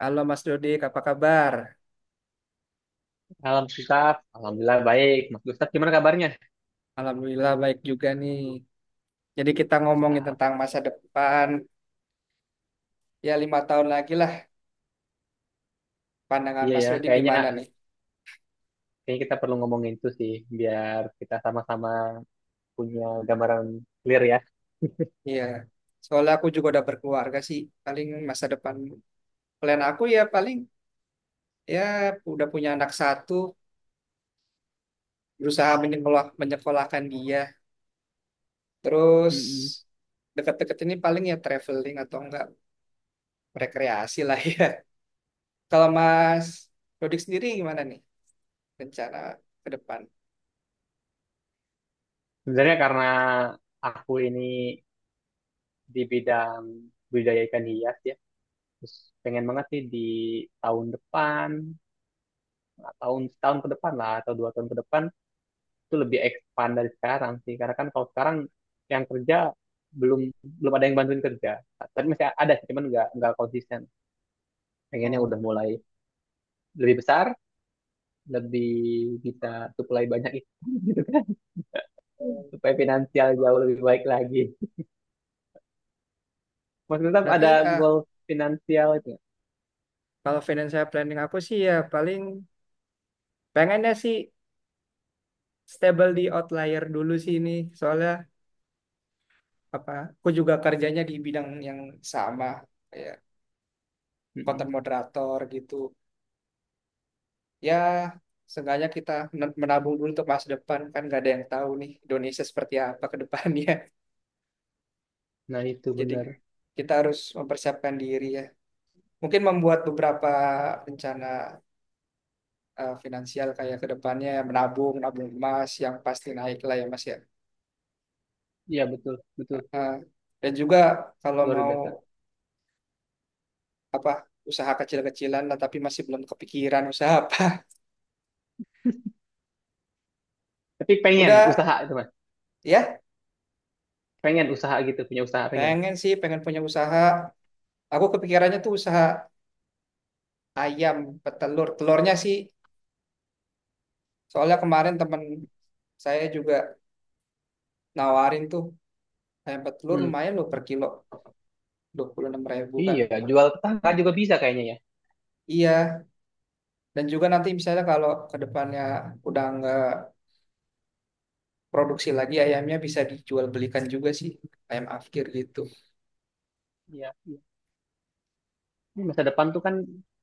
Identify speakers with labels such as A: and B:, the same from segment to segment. A: Halo Mas Dodik, apa kabar?
B: Malam Gustaf, Alhamdulillah baik. Mas Gustaf gimana kabarnya?
A: Alhamdulillah baik juga nih. Jadi kita ngomongin
B: Mantap.
A: tentang masa depan, ya lima tahun lagi lah pandangan
B: Iya
A: Mas
B: ya,
A: Dodik
B: kayaknya
A: gimana nih?
B: kayaknya kita perlu ngomongin itu sih, biar kita sama-sama punya gambaran clear ya.
A: Iya, soalnya aku juga udah berkeluarga sih. Paling masa depan plan aku ya paling ya udah punya anak satu, berusaha menyekolahkan dia. Terus
B: Mm-mm.
A: deket-deket ini paling ya traveling atau enggak rekreasi lah ya. Kalau Mas Dodik sendiri gimana nih rencana ke depan?
B: Sebenarnya karena aku ini di bidang budidaya ikan hias ya, terus pengen banget sih di tahun depan, tahun setahun ke depan lah atau 2 tahun ke depan itu lebih expand dari sekarang sih. Karena kan kalau sekarang yang kerja belum belum ada yang bantuin kerja. Tapi masih ada sih, cuman nggak konsisten. Pengennya
A: Oh.
B: udah mulai lebih besar, lebih bisa supply banyak ikan gitu kan, supaya finansial jauh lebih baik lagi. Mas Gustaf
A: Berarti
B: ada
A: eh,
B: goal finansial itu nggak?
A: Kalau financial planning aku sih ya paling pengennya sih stable di outlier dulu sih ini. Soalnya apa? Aku juga kerjanya di bidang yang sama ya
B: Mm-mm.
A: content moderator gitu. Ya seenggaknya kita menabung dulu untuk masa depan kan nggak ada yang tahu nih Indonesia seperti apa ke depannya.
B: Nah itu
A: Jadi
B: benar.
A: kita harus mempersiapkan diri ya. Mungkin membuat beberapa rencana finansial kayak ke depannya menabung, menabung emas yang pasti naik lah ya Mas ya.
B: Iya betul, betul,
A: Nah, dan juga kalau
B: luar
A: mau
B: biasa.
A: apa usaha kecil-kecilan lah tapi masih belum kepikiran usaha apa.
B: Tapi pengen
A: Udah
B: usaha itu mas,
A: ya,
B: pengen usaha gitu, punya usaha pengen.
A: pengen punya usaha. Aku kepikirannya tuh usaha ayam petelur. Telurnya sih soalnya kemarin temen saya juga nawarin tuh ayam petelur
B: Hmm.
A: lumayan loh per kilo dua puluh enam ribu kan.
B: Iya, jual tetangga juga bisa kayaknya ya.
A: Iya, dan juga nanti misalnya kalau ke depannya udah nggak produksi lagi ayamnya bisa dijual belikan juga sih ayam afkir gitu.
B: Iya, iya. Ini masa depan tuh kan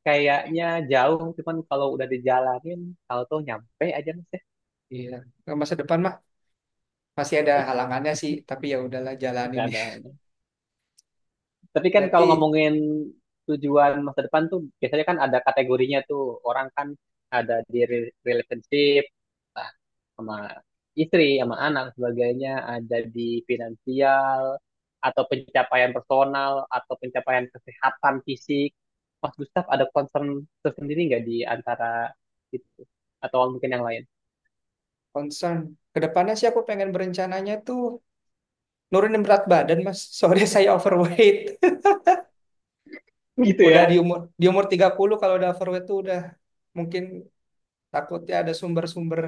B: kayaknya jauh, cuman kalau udah dijalanin, tahu tuh nyampe aja mas ya.
A: Iya, ke masa depan mah masih ada halangannya sih, tapi ya udahlah
B: Oke,
A: jalanin ya.
B: ada. Tapi kan
A: Berarti
B: kalau ngomongin tujuan masa depan tuh biasanya kan ada kategorinya tuh. Orang kan ada di relationship, entah sama istri, sama anak sebagainya, ada di finansial atau pencapaian personal atau pencapaian kesehatan fisik. Mas Gustaf ada concern tersendiri nggak di antara itu atau mungkin yang lain?
A: concern kedepannya sih aku pengen berencananya tuh nurunin berat badan mas. Soalnya saya overweight.
B: Gitu
A: Udah
B: ya.
A: di umur 30 kalau udah overweight tuh udah mungkin takutnya ada sumber-sumber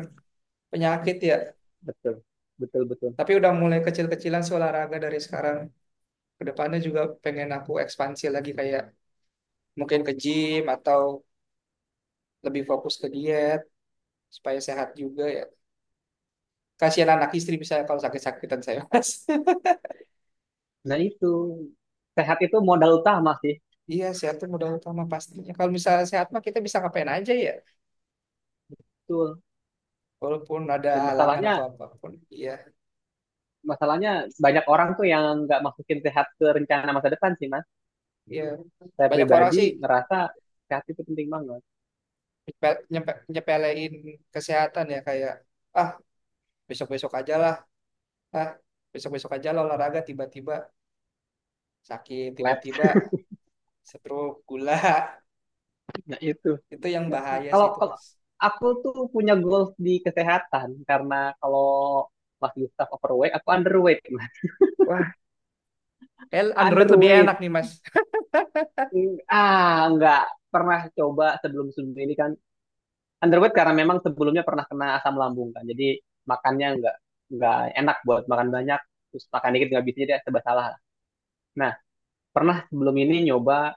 A: penyakit ya.
B: Betul. Betul, betul.
A: Tapi udah mulai kecil-kecilan sih olahraga dari sekarang. Kedepannya juga pengen aku ekspansi lagi kayak mungkin ke gym atau lebih fokus ke diet supaya sehat juga ya. Kasihan anak istri misalnya kalau sakit-sakitan saya mas.
B: Nah itu sehat itu modal utama sih.
A: Iya, sehat itu modal utama pastinya. Kalau misalnya sehat mah kita bisa ngapain aja ya,
B: Betul.
A: walaupun ada
B: Dan
A: halangan atau
B: masalahnya
A: apapun. Iya,
B: masalahnya banyak orang tuh yang nggak masukin sehat ke rencana masa depan sih mas,
A: iya.
B: saya
A: Banyak orang
B: pribadi
A: sih
B: ngerasa sehat itu penting banget
A: nyepelein kesehatan ya kayak ah besok-besok aja lah, ah besok-besok aja lah olahraga tiba-tiba sakit,
B: labs
A: tiba-tiba stroke, gula.
B: nah itu.
A: Itu yang
B: Nah,
A: bahaya sih
B: kalau
A: itu,
B: kalau
A: Mas.
B: aku tuh punya goals di kesehatan karena kalau Mas Gustaf overweight aku underweight mas,
A: Wah, kayak Android lebih enak
B: underweight,
A: nih, Mas.
B: ah nggak pernah coba sebelum sebelum ini kan, underweight karena memang sebelumnya pernah kena asam lambung kan, jadi makannya nggak enak buat makan banyak, terus makan dikit nggak bisa, jadi serba salah. Nah, pernah sebelum ini nyoba,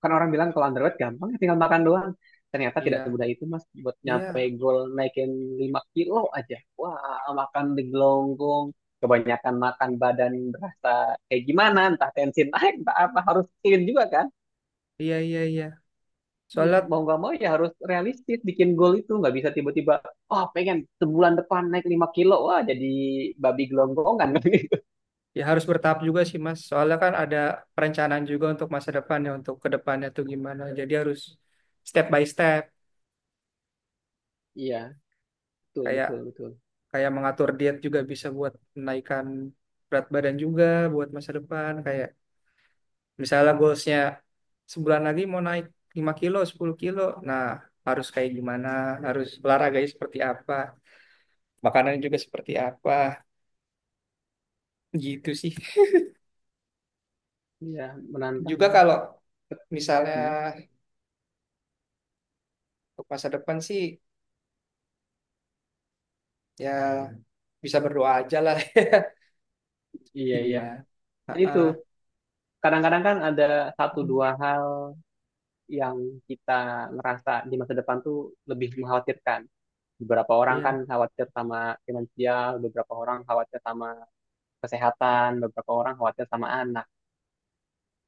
B: kan orang bilang kalau underweight gampang ya tinggal makan doang. Ternyata tidak
A: Iya,
B: semudah itu mas, buat nyampe
A: iya,
B: goal naikin 5 kilo aja. Wah, makan di kebanyakan makan badan berasa kayak gimana, entah tensi naik, entah apa, harus clean juga kan.
A: iya, iya, iya.
B: Ya,
A: Soalnya
B: mau nggak mau ya harus realistis bikin goal itu, nggak bisa tiba-tiba, oh pengen sebulan depan naik 5 kilo, wah jadi babi gelonggongan.
A: ya harus bertahap juga sih Mas. Soalnya kan ada perencanaan juga untuk masa depan ya untuk ke depannya tuh gimana. Jadi harus step by step.
B: Iya, betul,
A: Kayak
B: betul, betul.
A: kayak mengatur diet juga bisa buat menaikkan berat badan juga buat masa depan. Kayak misalnya goalsnya sebulan lagi mau naik 5 kilo, 10 kilo. Nah harus kayak gimana, harus olahraganya seperti apa, makanannya juga seperti apa. Gitu sih.
B: Iya, menantang.
A: Juga kalau misalnya
B: Hmm,
A: untuk masa depan sih ya bisa berdoa aja lah. Tapi
B: iya, iya.
A: gimana? Ah,
B: Nah, itu
A: ah,
B: kadang-kadang kan ada satu dua hal yang kita ngerasa di masa depan tuh lebih mengkhawatirkan. Beberapa orang kan
A: iya,
B: khawatir sama finansial, beberapa orang khawatir sama kesehatan, beberapa orang khawatir sama anak.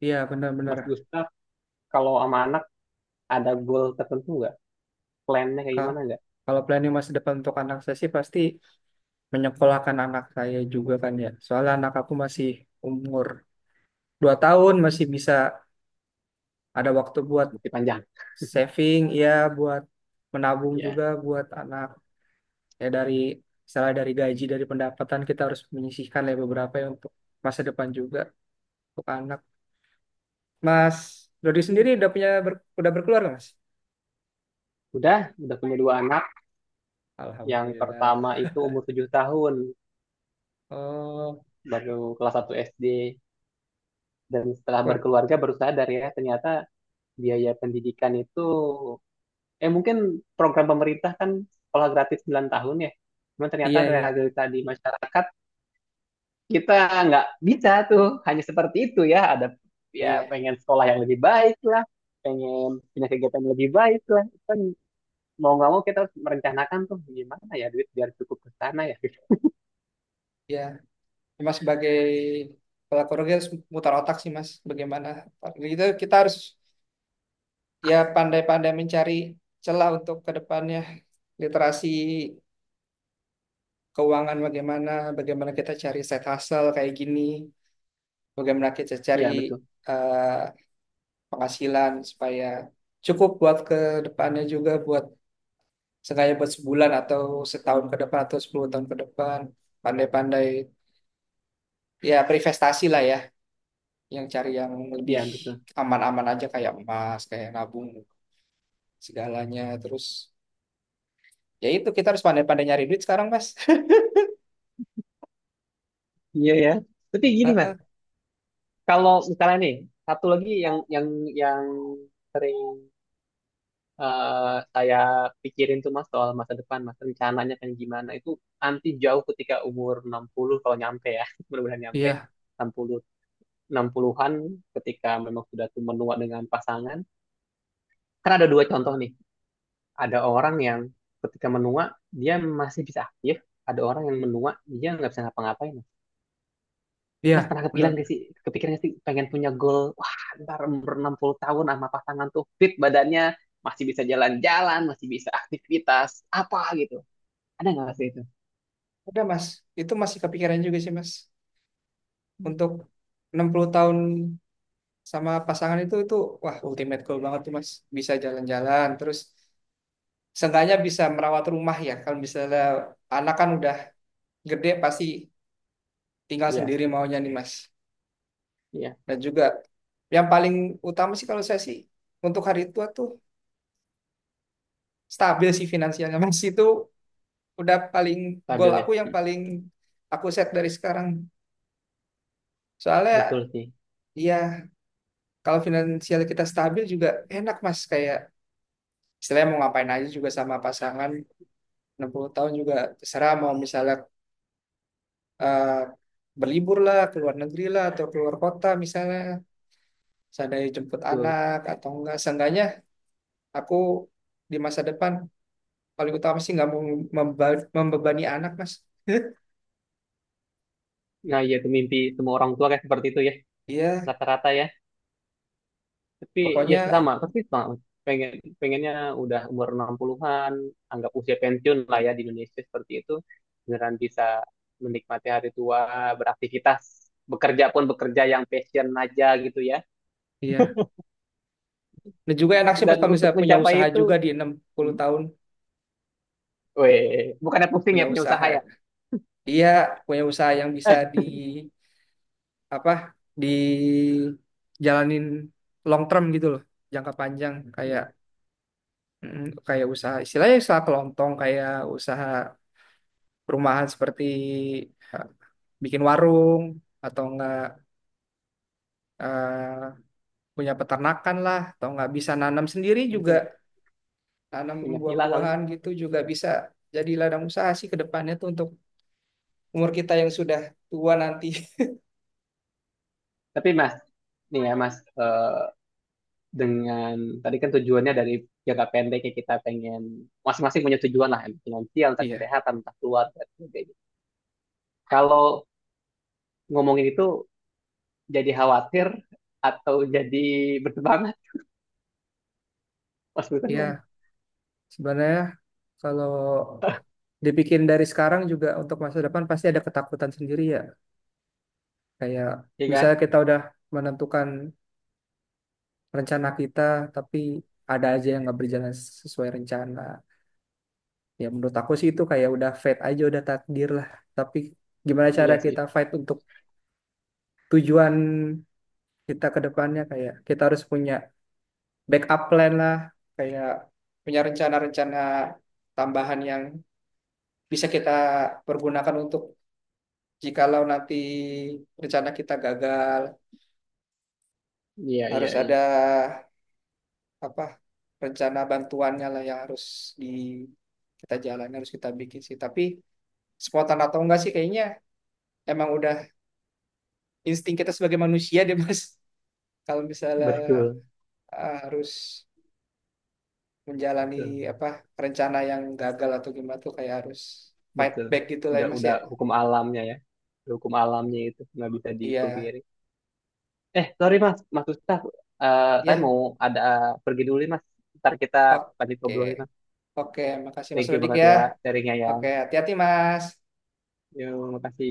A: iya benar-benar.
B: Mas Gustaf, kalau sama anak ada goal tertentu nggak? Plannya kayak
A: Ka-
B: gimana nggak?
A: Kalau planning masa depan untuk anak saya sih pasti menyekolahkan anak saya juga kan ya. Soalnya anak aku masih umur 2 tahun, masih bisa ada waktu buat
B: Masih panjang.
A: saving, ya buat menabung
B: Ya.
A: juga buat anak. Ya dari misalnya dari gaji, dari pendapatan kita harus menyisihkan lah ya beberapa ya untuk masa depan juga untuk anak. Mas Dodi
B: Hmm.
A: sendiri udah punya udah berkeluarga Mas?
B: Udah, udah punya dua anak. Yang
A: Alhamdulillah.
B: pertama itu umur 7 tahun,
A: Oh,
B: baru kelas 1 SD. Dan setelah berkeluarga baru sadar ya, ternyata biaya pendidikan itu mungkin program pemerintah kan sekolah gratis 9 tahun ya. Cuma ternyata
A: iya, iya.
B: realita di masyarakat kita nggak bisa tuh hanya seperti itu ya. Ada ya
A: Iya,
B: pengen sekolah yang lebih baik lah, pengen punya kegiatan yang lebih baik lah. Kan mau nggak mau kita harus merencanakan tuh gimana ya duit biar cukup ke sana ya.
A: iya. Mas sebagai pelaku rugi harus mutar otak sih Mas. Bagaimana? Gitu kita harus ya pandai-pandai mencari celah untuk ke depannya. Literasi keuangan bagaimana, bagaimana kita cari side hustle kayak gini, bagaimana kita cari
B: Iya betul,
A: eh, penghasilan supaya cukup buat ke depannya juga buat sengaja buat sebulan atau setahun ke depan atau 10 tahun ke depan. Pandai-pandai ya berinvestasi lah ya yang cari yang lebih
B: iya betul.
A: aman-aman aja kayak emas, kayak nabung segalanya. Terus ya itu kita harus pandai-pandai nyari duit sekarang, Mas.
B: Iya ya. Tapi gini mas,
A: Heeh.
B: kalau misalnya nih satu lagi yang yang sering, saya pikirin tuh mas soal masa depan, mas rencananya kan gimana itu nanti jauh ketika umur 60 kalau nyampe ya, mudah-mudahan nyampe
A: Iya,
B: 60 60-an, ketika memang sudah tuh menua dengan pasangan. Kan ada dua contoh nih. Ada orang yang ketika menua dia masih bisa aktif, ada orang yang menua dia nggak bisa ngapa-ngapain.
A: iya,
B: Mas pernah kepikiran gak
A: benar.
B: sih, kepikiran gak sih pengen punya goal, wah ntar umur 60 tahun sama pasangan tuh fit badannya, masih bisa jalan-jalan, masih bisa aktivitas, apa gitu. Ada nggak sih itu?
A: Udah, Mas. Itu masih kepikiran juga sih, Mas. Untuk 60 tahun sama pasangan itu wah ultimate goal banget tuh, Mas. Bisa jalan-jalan terus seenggaknya bisa merawat rumah ya. Kalau misalnya anak kan udah gede pasti tinggal
B: Iya,
A: sendiri maunya nih, Mas.
B: iya,
A: Dan juga yang paling utama sih kalau saya sih untuk hari tua tuh stabil sih finansialnya. Mas itu udah paling goal
B: stabil ya.
A: aku yang
B: Hmm,
A: paling aku set dari sekarang. Soalnya
B: betul sih,
A: ya kalau finansial kita stabil juga enak Mas kayak istilahnya mau ngapain aja juga sama pasangan 60 tahun juga terserah mau misalnya eh, berlibur lah ke luar negeri lah atau keluar kota misalnya seandainya jemput
B: betul.
A: anak atau enggak seenggaknya aku di masa depan paling utama sih nggak mau membebani anak mas
B: Nah, iya itu mimpi semua orang tua kayak seperti itu ya,
A: iya
B: rata-rata ya. Tapi ya sih sama,
A: pokoknya
B: pasti sama. Pengen, pengennya udah umur 60-an, anggap usia pensiun lah ya di Indonesia seperti itu. Beneran bisa menikmati hari tua, beraktivitas, bekerja pun bekerja yang passion aja gitu ya.
A: iya dan juga enak sih mas
B: Dan
A: kalau
B: untuk
A: misalnya punya usaha
B: mencapai
A: juga
B: itu,
A: di enam puluh
B: hmm,
A: tahun
B: weh, bukannya pusing
A: punya
B: ya punya usaha
A: usaha
B: ya.
A: iya punya usaha yang bisa di apa di jalanin long term gitu loh jangka panjang kayak
B: Ya,
A: mm, kayak usaha istilahnya usaha kelontong kayak usaha perumahan seperti eh, bikin warung atau enggak eh, punya peternakan lah atau nggak bisa nanam sendiri juga
B: mungkin
A: tanam
B: punya villa kali.
A: buah-buahan gitu juga bisa jadi ladang usaha sih ke depannya tuh untuk umur kita yang sudah tua nanti.
B: Tapi Mas, nih ya Mas, dengan tadi kan tujuannya dari jangka pendeknya kita pengen masing-masing punya tujuan lah, entah finansial, entah
A: Iya,
B: kesehatan, entah keluarga, dan sebagainya. Kalau ngomongin itu jadi khawatir atau jadi bertebangan, Mas Butan gimana?
A: iya. Sebenarnya kalau dibikin dari sekarang juga untuk masa depan pasti ada ketakutan sendiri ya. Kayak
B: Iya kan?
A: misalnya kita udah menentukan rencana kita tapi ada aja yang nggak berjalan sesuai rencana. Ya menurut aku sih itu kayak udah fate aja, udah takdir lah. Tapi gimana cara
B: Iya sih.
A: kita fight untuk tujuan kita ke depannya kayak kita harus punya backup plan lah, kayak punya rencana-rencana tambahan yang bisa kita pergunakan untuk jikalau nanti rencana kita gagal,
B: Iya, iya,
A: harus
B: iya.
A: ada apa rencana bantuannya lah yang harus di kita jalan harus kita bikin sih. Tapi spontan atau enggak sih kayaknya emang udah insting kita sebagai manusia deh Mas. Kalau misalnya
B: Betul,
A: eh, harus menjalani
B: betul,
A: apa rencana yang gagal atau gimana tuh kayak harus fight
B: betul.
A: back gitu lah ya
B: Udah,
A: Mas ya.
B: udah hukum alamnya ya. Hukum alamnya itu nggak bisa
A: Iya,
B: dipungkiri. Eh, sorry Mas, Mas Ustaz, eh, saya
A: ya,
B: mau ada pergi dulu nih Mas. Ntar kita lanjut
A: oke,
B: ngobrolin Mas.
A: oke, makasih Mas
B: Thank you
A: Rudik
B: banget
A: ya.
B: ya sharingnya yang.
A: Oke, hati-hati Mas.
B: Yuk, makasih.